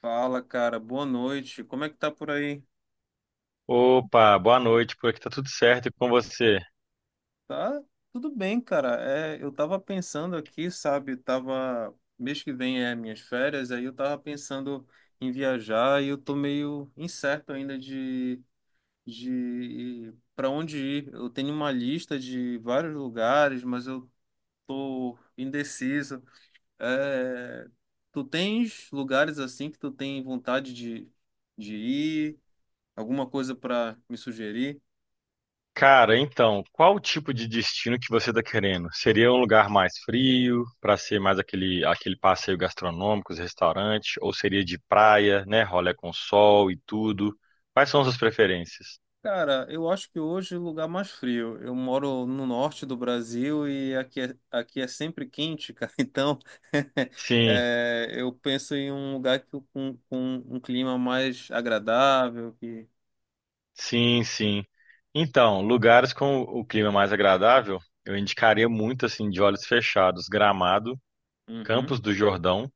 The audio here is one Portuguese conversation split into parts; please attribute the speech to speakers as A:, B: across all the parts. A: Fala, cara, boa noite. Como é que tá por aí?
B: Opa, boa noite, por aqui tá tudo certo e com você?
A: Tá tudo bem, cara. É, eu tava pensando aqui, sabe? Tava mês que vem é minhas férias, aí eu tava pensando em viajar e eu tô meio incerto ainda de para onde ir. Eu tenho uma lista de vários lugares, mas eu tô indeciso. É, tu tens lugares assim que tu tem vontade de ir? Alguma coisa para me sugerir?
B: Cara, então, qual o tipo de destino que você tá querendo? Seria um lugar mais frio, pra ser mais aquele passeio gastronômico, os restaurantes, ou seria de praia, né, rolê com sol e tudo? Quais são as suas preferências?
A: Cara, eu acho que hoje é o lugar mais frio. Eu moro no norte do Brasil e aqui é sempre quente, cara. Então,
B: Sim,
A: é, eu penso em um lugar que, com um clima mais agradável.
B: sim, sim. Então, lugares com o clima mais agradável, eu indicaria muito assim de olhos fechados, Gramado,
A: Uhum,
B: Campos do Jordão.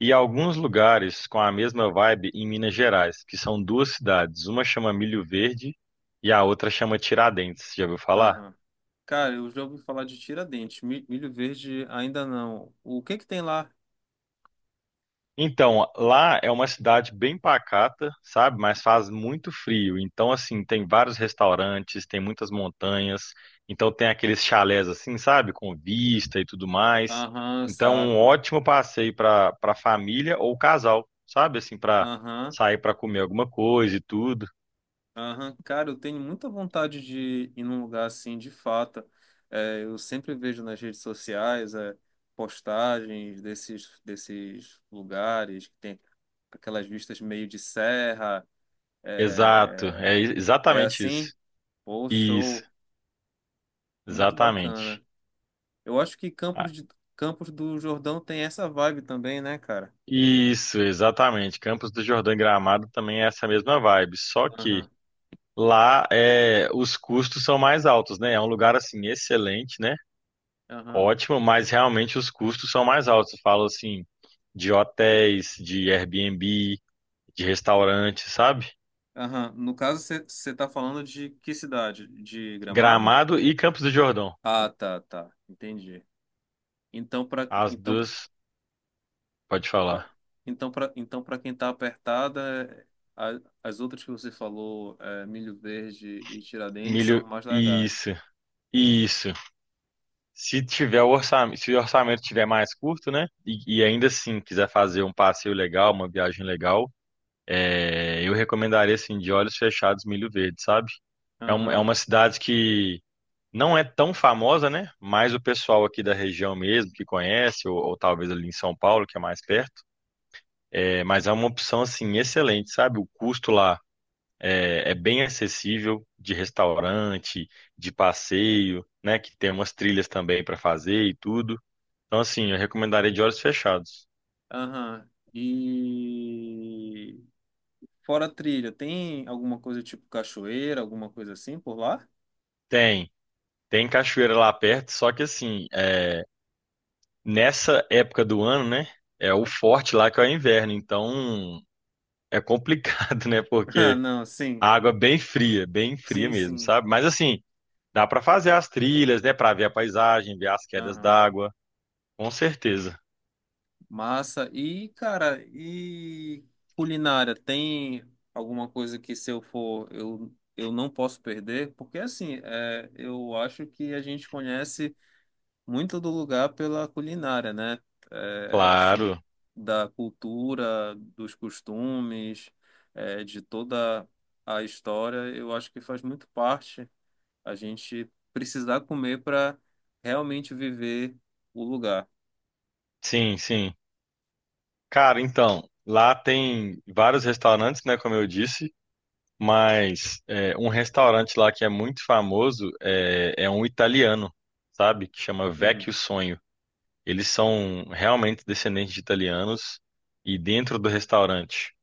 B: E alguns lugares com a mesma vibe em Minas Gerais, que são duas cidades. Uma chama Milho Verde e a outra chama Tiradentes. Já ouviu falar?
A: aham. Cara, eu já ouvi falar de Tiradentes. Milho Verde ainda não. O que que tem lá?
B: Então, lá é uma cidade bem pacata, sabe? Mas faz muito frio. Então, assim, tem vários restaurantes, tem muitas montanhas. Então, tem aqueles chalés, assim, sabe? Com vista e tudo mais.
A: Aham,
B: Então, um
A: saco.
B: ótimo passeio para família ou casal, sabe? Assim, para
A: Aham.
B: sair para comer alguma coisa e tudo.
A: Aham, cara, eu tenho muita vontade de ir num lugar assim, de fato. É, eu sempre vejo nas redes sociais, é, postagens desses lugares que tem aquelas vistas meio de serra.
B: Exato,
A: É, é
B: exatamente
A: assim?
B: isso.
A: Pô,
B: Isso,
A: show! Muito
B: exatamente.
A: bacana. Eu acho que
B: Ah,
A: Campos do Jordão tem essa vibe também, né, cara?
B: isso, exatamente. Campos do Jordão e Gramado também é essa mesma vibe, só que
A: Aham,
B: lá é, os custos são mais altos, né? É um lugar assim excelente, né?
A: aham,
B: Ótimo, mas realmente os custos são mais altos. Eu falo assim de hotéis, de Airbnb, de restaurantes, sabe?
A: aham. No caso, você tá falando de que cidade? De Gramado?
B: Gramado e Campos do Jordão.
A: Ah, tá, tá. Entendi. Então, para
B: As
A: então,
B: duas, pode
A: pra-
B: falar.
A: então, para então, para quem está apertada, as outras que você falou, é, Milho Verde e Tiradentes, são
B: Milho,
A: mais legais.
B: isso, isso. Se
A: Tá?
B: tiver o orçamento, se o orçamento tiver mais curto, né? E ainda assim quiser fazer um passeio legal, uma viagem legal, é, eu recomendaria assim, de olhos fechados, Milho Verde, sabe? É, um- é
A: Aham,
B: uma cidade que não é tão famosa, né? Mas o pessoal aqui da região mesmo que conhece, ou talvez ali em São Paulo, que é mais perto. É, mas é uma opção assim excelente, sabe? O custo lá é, é bem acessível de restaurante, de passeio, né? Que tem umas trilhas também para fazer e tudo. Então, assim, eu recomendaria de olhos fechados.
A: aham. E fora trilha, tem alguma coisa tipo cachoeira, alguma coisa assim por lá?
B: Tem, tem cachoeira lá perto, só que assim, é, nessa época do ano, né? É o forte lá que é o inverno, então é complicado, né?
A: Ah,
B: Porque
A: não, sim,
B: a água é bem fria
A: sim,
B: mesmo,
A: sim.
B: sabe? Mas assim, dá pra fazer as trilhas, né? Pra ver a paisagem, ver as quedas
A: Aham.
B: d'água, com certeza.
A: Massa. E, cara, e culinária, tem alguma coisa que se eu for, eu não posso perder? Porque, assim, é, eu acho que a gente conhece muito do lugar pela culinária, né? É, assim,
B: Claro,
A: da cultura, dos costumes, é, de toda a história, eu acho que faz muito parte a gente precisar comer para realmente viver o lugar.
B: sim, sim. Cara, então, lá tem vários restaurantes, né? Como eu disse. Mas é, um restaurante lá que é muito famoso é um italiano, sabe? Que chama
A: Uhum.
B: Vecchio Sonho. Eles são realmente descendentes de italianos e dentro do restaurante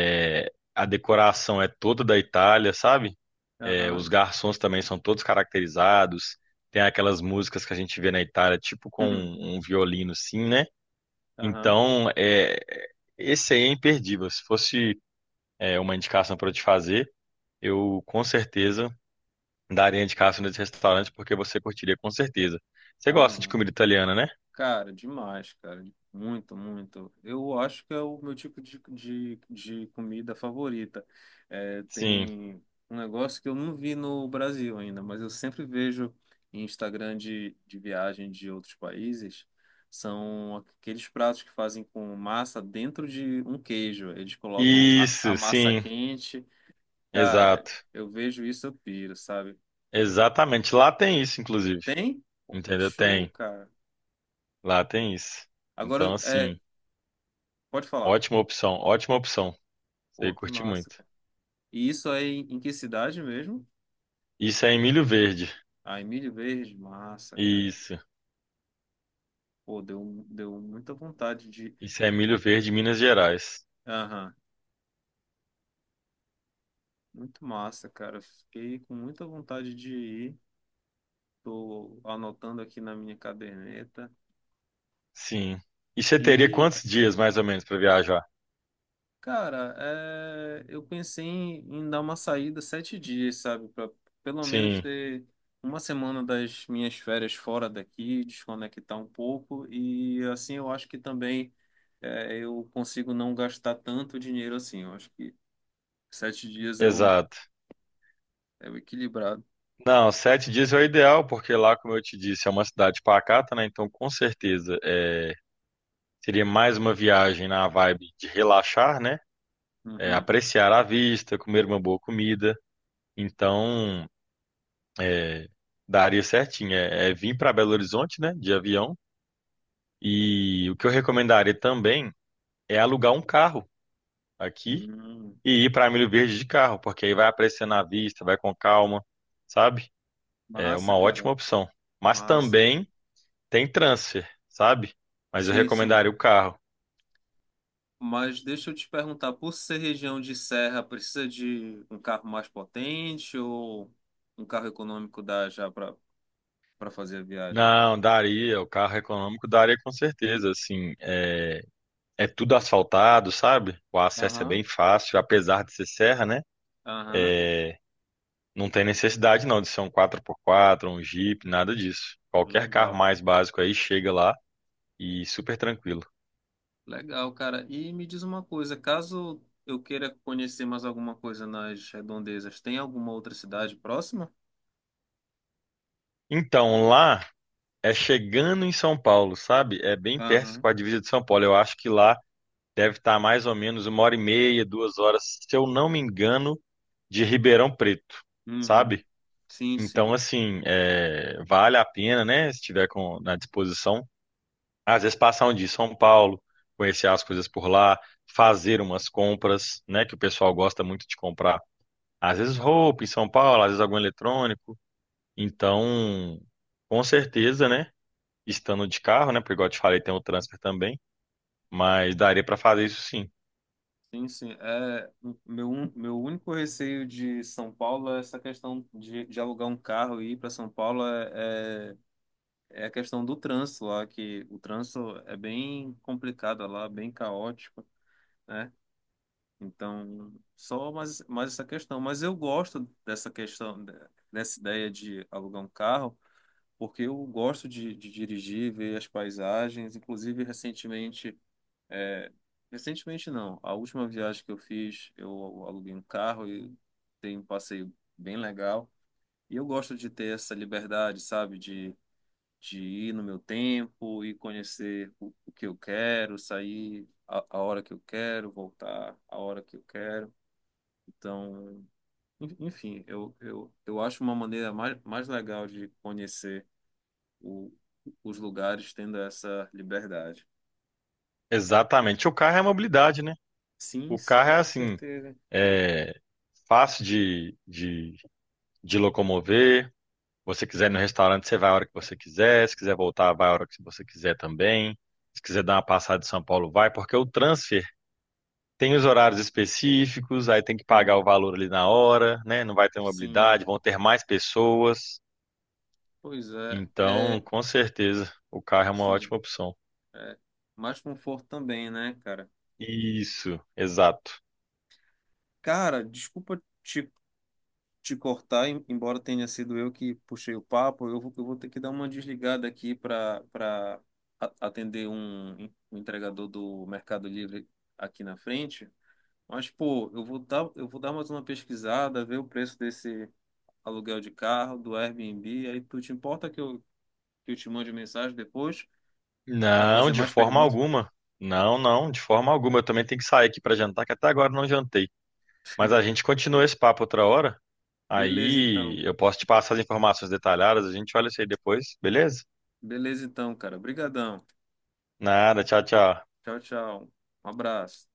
B: é, a decoração é toda da Itália, sabe? É,
A: Aham.
B: os garçons também são todos caracterizados. Tem aquelas músicas que a gente vê na Itália, tipo com
A: Uhum.
B: um violino, sim, né?
A: Aham.
B: Então, é, esse aí é imperdível. Se fosse, é, uma indicação para eu te fazer, eu com certeza daria indicação desse restaurante porque você curtiria com certeza. Você gosta de
A: Amar.
B: comida italiana, né?
A: Cara, demais, cara. Muito, muito. Eu acho que é o meu tipo de comida favorita. É,
B: Sim.
A: tem um negócio que eu não vi no Brasil ainda, mas eu sempre vejo em Instagram de viagem de outros países. São aqueles pratos que fazem com massa dentro de um queijo. Eles colocam a
B: Isso,
A: massa
B: sim.
A: quente. Cara,
B: Exato.
A: eu vejo isso, eu piro, sabe?
B: Exatamente. Lá tem isso, inclusive.
A: Tem?
B: Entendeu?
A: Show,
B: Tem.
A: cara.
B: Lá tem isso. Então,
A: Agora, é,
B: assim,
A: pode falar.
B: ótima opção, ótima opção. Você ia
A: Pô, que
B: curtir
A: massa,
B: muito.
A: cara. E isso aí em que cidade mesmo?
B: Isso é em Milho Verde.
A: Ah, Emílio Verde, massa, cara.
B: Isso.
A: Pô, deu, um, deu muita vontade de,
B: Isso é em Milho Verde,
A: de...
B: Minas Gerais.
A: Aham, muito massa, cara. Fiquei com muita vontade de ir. Tô anotando aqui na minha caderneta.
B: Sim. E você teria
A: E,
B: quantos dias, mais ou menos, para viajar?
A: cara, é, eu pensei em dar uma saída 7 dias, sabe? Pra pelo menos
B: Sim,
A: ter uma semana das minhas férias fora daqui, desconectar um pouco. E assim eu acho que também é, eu consigo não gastar tanto dinheiro assim. Eu acho que 7 dias é o,
B: exato.
A: é o equilibrado.
B: Não, 7 dias é o ideal, porque lá, como eu te disse, é uma cidade pacata, né? Então, com certeza, é, seria mais uma viagem na vibe de relaxar, né? É,
A: Uhum.
B: apreciar a vista, comer uma boa comida. Então, é, daria certinho. É, é vir para Belo Horizonte, né? De avião. E o que eu recomendaria também é alugar um carro aqui
A: Hum,
B: e ir para Milho Verde de carro, porque aí vai apreciando a vista, vai com calma, sabe? É
A: massa,
B: uma ótima
A: cara.
B: opção. Mas
A: Massa.
B: também tem transfer, sabe? Mas eu
A: Sim, sim.
B: recomendaria o carro.
A: Mas deixa eu te perguntar, por ser região de serra, precisa de um carro mais potente ou um carro econômico dá já para fazer a viagem?
B: Não, daria. O carro econômico daria com certeza. Assim, é, é tudo asfaltado, sabe? O acesso é bem
A: Aham.
B: fácil, apesar de ser serra, né?
A: Aham,
B: É, não tem necessidade não de ser um quatro por quatro, um Jeep, nada disso. Qualquer carro
A: legal.
B: mais básico aí chega lá e super tranquilo.
A: Legal, cara. E me diz uma coisa, caso eu queira conhecer mais alguma coisa nas redondezas, tem alguma outra cidade próxima?
B: Então, lá é chegando em São Paulo, sabe? É bem perto
A: Aham.
B: com a divisa de São Paulo. Eu acho que lá deve estar mais ou menos 1 hora e meia, 2 horas, se eu não me engano de Ribeirão Preto,
A: Uhum.
B: sabe?
A: Sim,
B: Então,
A: sim.
B: assim, é, vale a pena, né? Se tiver na disposição, às vezes passar um dia em São Paulo, conhecer as coisas por lá, fazer umas compras, né? Que o pessoal gosta muito de comprar. Às vezes roupa em São Paulo, às vezes algum eletrônico. Então, com certeza, né? Estando de carro, né? Porque, igual eu te falei, tem o transfer também. Mas daria para fazer isso sim.
A: Sim, sim. É, meu único receio de São Paulo é essa questão de alugar um carro e ir para São Paulo é é a questão do trânsito lá, que o trânsito é bem complicado lá, bem caótico, né? Então, só mais essa questão. Mas eu gosto dessa questão, dessa ideia de alugar um carro, porque eu gosto de dirigir, ver as paisagens. Inclusive, recentemente, é, recentemente não, a última viagem que eu fiz, eu aluguei um carro e tem um passeio bem legal. E eu gosto de ter essa liberdade, sabe? De ir no meu tempo e conhecer o que eu quero, sair a hora que eu quero, voltar a hora que eu quero. Então, enfim, eu acho uma maneira mais legal de conhecer o, os lugares tendo essa liberdade.
B: Exatamente. O carro é a mobilidade, né?
A: Sim,
B: O carro
A: sim,
B: é
A: com
B: assim,
A: certeza.
B: é fácil de, de locomover. Você quiser ir no restaurante, você vai a hora que você quiser. Se quiser voltar, vai a hora que você quiser também. Se quiser dar uma passada em São Paulo, vai, porque o transfer tem os horários específicos, aí tem que pagar
A: Sim,
B: o valor ali na hora, né? Não vai ter
A: sim.
B: mobilidade, vão ter mais pessoas.
A: Pois
B: Então, com certeza, o carro é uma
A: sim,
B: ótima opção.
A: é mais conforto também, né, cara?
B: Isso, exato.
A: Cara, desculpa te cortar, embora tenha sido eu que puxei o papo, eu vou ter que dar uma desligada aqui para atender um entregador do Mercado Livre aqui na frente. Mas, pô, eu vou dar mais uma pesquisada, ver o preço desse aluguel de carro, do Airbnb. Aí tu te importa que eu te mande mensagem depois para
B: Não,
A: fazer
B: de
A: mais
B: forma
A: perguntas?
B: alguma. Não, não, de forma alguma. Eu também tenho que sair aqui para jantar, que até agora eu não jantei. Mas a gente continua esse papo outra hora.
A: Beleza, então.
B: Aí eu posso te passar as informações detalhadas, a gente olha isso aí depois, beleza?
A: Beleza, então, cara. Obrigadão.
B: Nada, tchau, tchau.
A: Tchau, tchau. Um abraço.